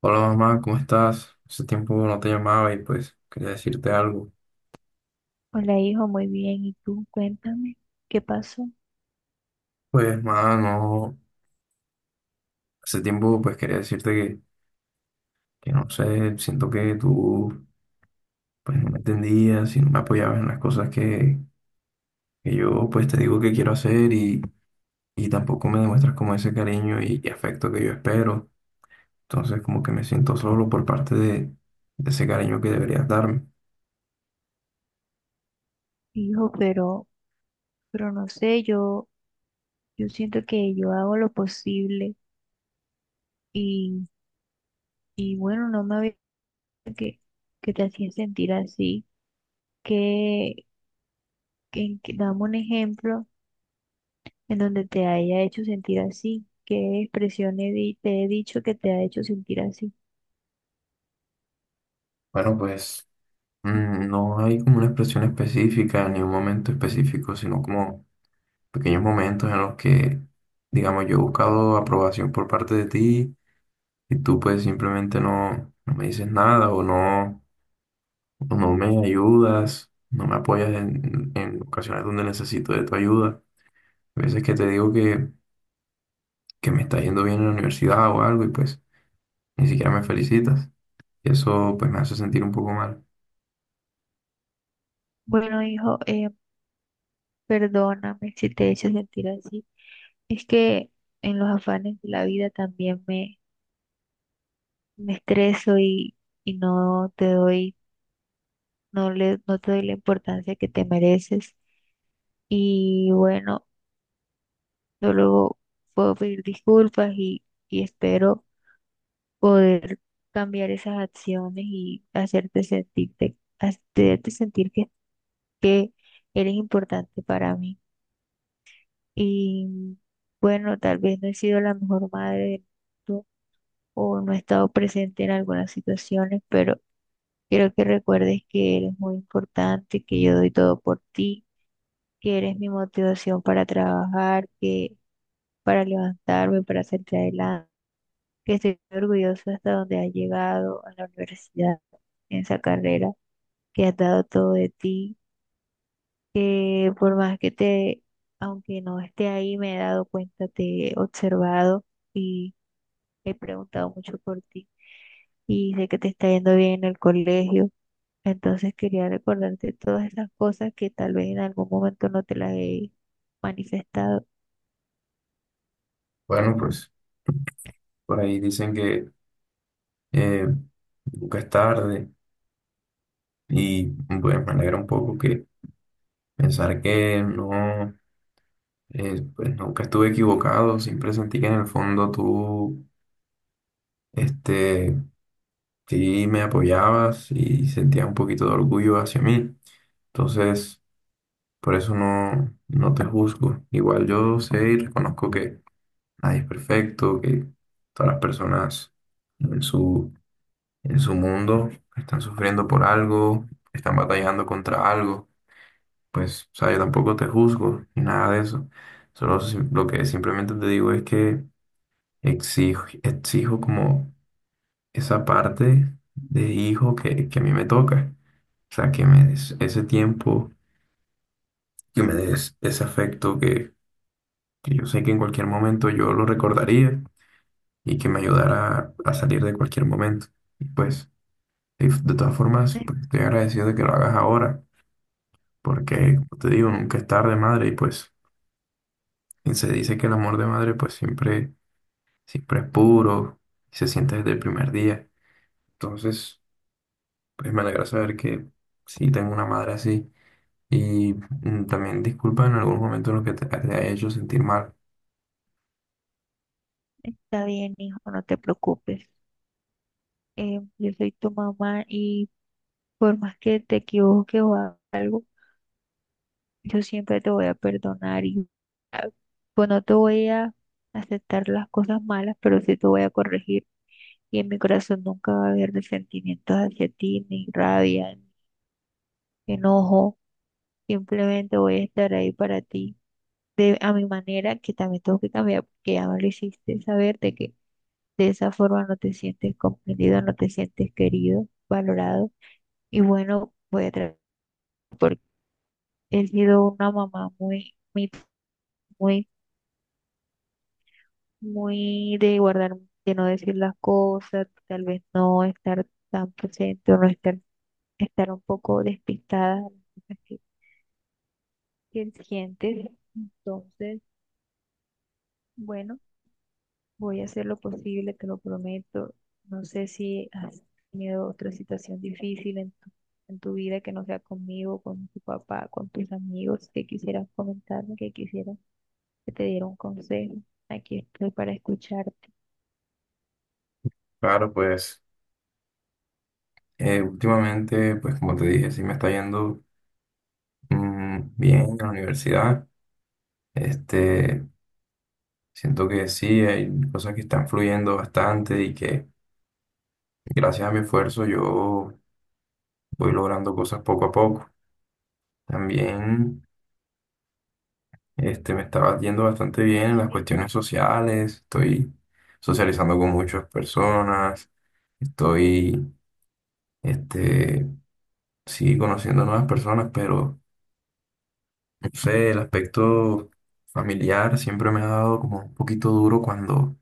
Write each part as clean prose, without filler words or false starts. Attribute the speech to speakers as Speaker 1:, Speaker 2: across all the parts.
Speaker 1: Hola mamá, ¿cómo estás? Hace tiempo no te llamaba y pues quería decirte algo.
Speaker 2: Hola, hijo, muy bien. ¿Y tú? Cuéntame, ¿qué pasó?
Speaker 1: Pues mamá, no, hace tiempo pues quería decirte que, no sé, siento que tú pues no me entendías y no me apoyabas en las cosas que yo pues te digo que quiero hacer y tampoco me demuestras como ese cariño y afecto que yo espero. Entonces como que me siento solo por parte de ese cariño que deberías darme.
Speaker 2: Hijo, pero no sé, yo siento que yo hago lo posible y, y bueno, no me había que, que te hacía sentir así, que, dame un ejemplo en donde te haya hecho sentir así, qué expresión te he dicho que te ha hecho sentir así.
Speaker 1: Bueno, pues no hay como una expresión específica ni un momento específico, sino como pequeños momentos en los que, digamos, yo he buscado aprobación por parte de ti y tú pues simplemente no me dices nada o no me ayudas, no me apoyas en ocasiones donde necesito de tu ayuda. A veces que te digo que me está yendo bien en la universidad o algo y pues ni siquiera me felicitas. Y eso pues me hace sentir un poco mal.
Speaker 2: Bueno, hijo, perdóname si te he hecho sentir así. Es que en los afanes de la vida también me estreso y no te doy, no le, no te doy la importancia que te mereces. Y bueno, yo luego puedo pedir disculpas y espero poder cambiar esas acciones y hacerte sentirte, hacerte sentir que eres importante para mí. Y bueno, tal vez no he sido la mejor madre del mundo o no he estado presente en algunas situaciones, pero quiero que recuerdes que eres muy importante, que yo doy todo por ti, que eres mi motivación para trabajar, que para levantarme, para hacerte adelante, que estoy orgulloso hasta donde has llegado a la universidad, en esa carrera, que has dado todo de ti, que por más que te, aunque no esté ahí, me he dado cuenta, te he observado y he preguntado mucho por ti y sé que te está yendo bien en el colegio. Entonces quería recordarte todas esas cosas que tal vez en algún momento no te las he manifestado.
Speaker 1: Bueno, pues por ahí dicen que eh, nunca es tarde y bueno, me alegra un poco que pensar que no. Pues nunca estuve equivocado, siempre sentí que en el fondo tú, este, sí me apoyabas y sentía un poquito de orgullo hacia mí. Entonces, por eso no, no te juzgo. Igual yo sé y reconozco que nadie es perfecto, que todas las personas en su, en su mundo están sufriendo por algo, están batallando contra algo. Pues, o sea, yo tampoco te juzgo ni nada de eso. Lo que simplemente te digo es que exijo como esa parte de hijo que a mí me toca. O sea, que me des ese tiempo, que me des ese afecto que yo sé que en cualquier momento yo lo recordaría y que me ayudara a salir de cualquier momento. Y pues, y de todas formas,
Speaker 2: "Eh,
Speaker 1: pues, estoy agradecido de que lo hagas ahora, porque, como te digo, nunca es tarde, madre, y pues, y se dice que el amor de madre, pues siempre, siempre es puro y se siente desde el primer día. Entonces, pues me alegra saber que sí, tengo una madre así. Y también disculpa en algún momento lo que te ha hecho sentir mal.
Speaker 2: Está bien, hijo, no te preocupes. Yo soy tu mamá y por más que te equivoques o hagas algo, yo siempre te voy a perdonar y ah, pues no te voy a aceptar las cosas malas, pero sí te voy a corregir. Y en mi corazón nunca va a haber resentimientos hacia ti, ni rabia, ni enojo. Simplemente voy a estar ahí para ti, de, a mi manera, que también tengo que cambiar, porque ahora lo hiciste saber de que de esa forma no te sientes comprendido, no te sientes querido, valorado. Y bueno, voy a tratar, porque he sido una mamá muy, muy, muy, muy de guardar, de no decir las cosas, tal vez no estar tan presente o no estar, estar un poco despistada de las cosas que sientes. Entonces, bueno. Voy a hacer lo posible, te lo prometo. No sé si has tenido otra situación difícil en tu vida que no sea conmigo, con tu papá, con tus amigos, que quisieras comentarme, que quisieras que te diera un consejo. Aquí estoy para escucharte.
Speaker 1: Claro, pues últimamente, pues como te dije, sí me está yendo bien en la universidad. Este, Siento que sí, hay cosas que están fluyendo bastante y que gracias a mi esfuerzo yo voy logrando cosas poco a poco. También me estaba yendo bastante bien en las
Speaker 2: Sí,
Speaker 1: cuestiones sociales, estoy socializando con muchas personas, estoy, este, sí, conociendo nuevas personas, pero no sé, el aspecto familiar siempre me ha dado como un poquito duro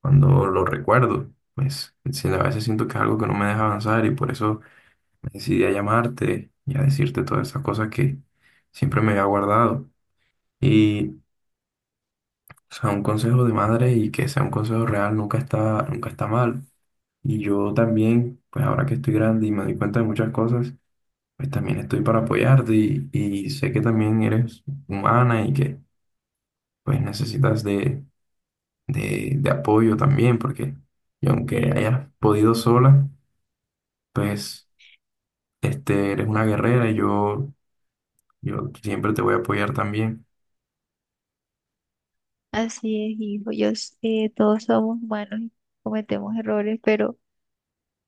Speaker 1: cuando lo recuerdo. Pues sí, a veces siento que es algo que no me deja avanzar y por eso me decidí a llamarte y a decirte todas esas cosas que siempre me había guardado. Y o sea, un consejo de madre y que sea un consejo real nunca está, nunca está mal. Y yo también, pues ahora que estoy grande y me doy cuenta de muchas cosas, pues también estoy para apoyarte y sé que también eres humana y que pues necesitas de apoyo también, porque y aunque
Speaker 2: sí,
Speaker 1: hayas podido sola, pues eres una guerrera yo siempre te voy a apoyar también.
Speaker 2: así es, hijo. Todos somos humanos y cometemos errores, pero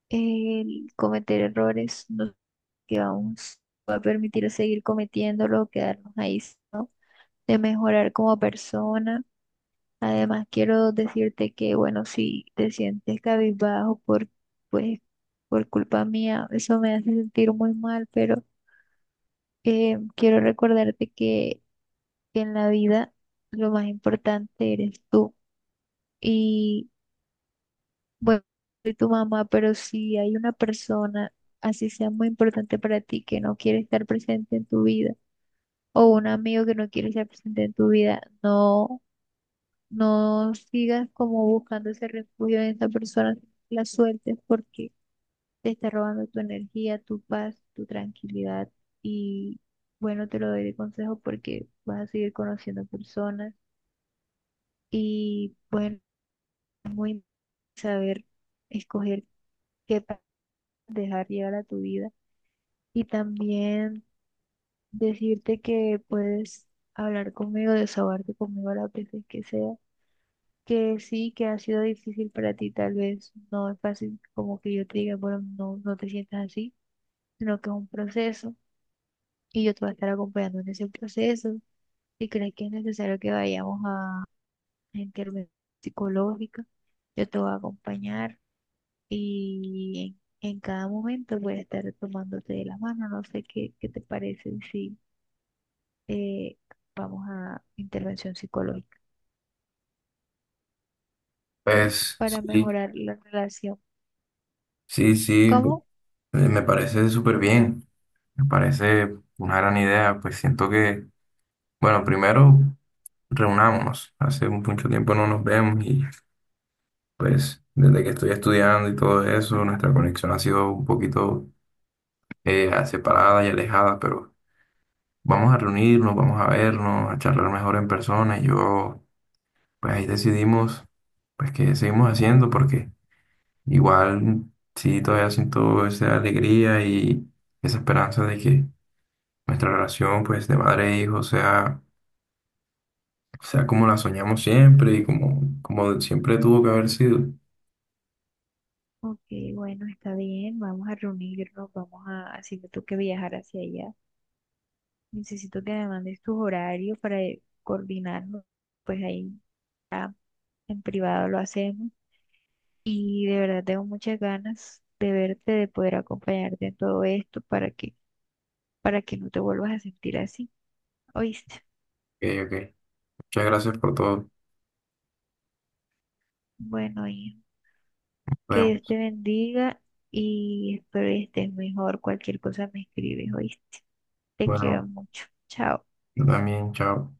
Speaker 2: el cometer errores no que vamos a permitir seguir cometiéndolo, quedarnos ahí, ¿no? De mejorar como persona. Además, quiero decirte que, bueno, si te sientes cabizbajo por, pues, por culpa mía, eso me hace sentir muy mal, pero quiero recordarte que en la vida lo más importante eres tú. Y, bueno, soy tu mamá, pero si hay una persona, así sea muy importante para ti, que no quiere estar presente en tu vida, o un amigo que no quiere estar presente en tu vida, no. No sigas como buscando ese refugio en esa persona, la sueltes porque te está robando tu energía, tu paz, tu tranquilidad. Y bueno, te lo doy de consejo porque vas a seguir conociendo personas y bueno, es muy saber escoger qué pa- dejar llegar a tu vida. Y también decirte que puedes hablar conmigo, desahogarte conmigo las veces que sea, que sí, que ha sido difícil para ti, tal vez no es fácil como que yo te diga, bueno, no, no te sientas así, sino que es un proceso y yo te voy a estar acompañando en ese proceso. Si crees que es necesario que vayamos a intervención psicológica, yo te voy a acompañar y en cada momento voy a estar tomándote de la mano. No sé qué, qué te parece si eh, vamos a intervención psicológica
Speaker 1: Pues
Speaker 2: para
Speaker 1: sí,
Speaker 2: mejorar la relación.
Speaker 1: sí, sí,
Speaker 2: ¿Cómo?
Speaker 1: me parece súper bien. Me parece una gran idea, pues siento bueno, primero reunámonos. Hace mucho tiempo no nos vemos y pues desde que estoy estudiando y todo eso, nuestra conexión ha sido un poquito separada y alejada, pero vamos a reunirnos, vamos a vernos, a charlar mejor en persona y yo, pues ahí decidimos, pues que seguimos haciendo porque igual sí todavía siento esa alegría y esa esperanza de que nuestra relación, pues de madre e hijo sea, o sea, como la soñamos siempre y como siempre tuvo que haber sido. Ok,
Speaker 2: Ok, bueno, está bien, vamos a reunirnos, vamos a, así me toque viajar hacia allá. Necesito que me mandes tus horarios para coordinarnos, pues ahí ya en privado lo hacemos. Y de verdad tengo muchas ganas de verte, de poder acompañarte en todo esto para que no te vuelvas a sentir así, ¿oíste?
Speaker 1: ok. Muchas gracias por todo. Nos
Speaker 2: Bueno, y que Dios
Speaker 1: vemos.
Speaker 2: te bendiga y espero que estés mejor. Cualquier cosa me escribes, ¿oíste? Te quiero
Speaker 1: Bueno,
Speaker 2: mucho. Chao.
Speaker 1: yo también, chao.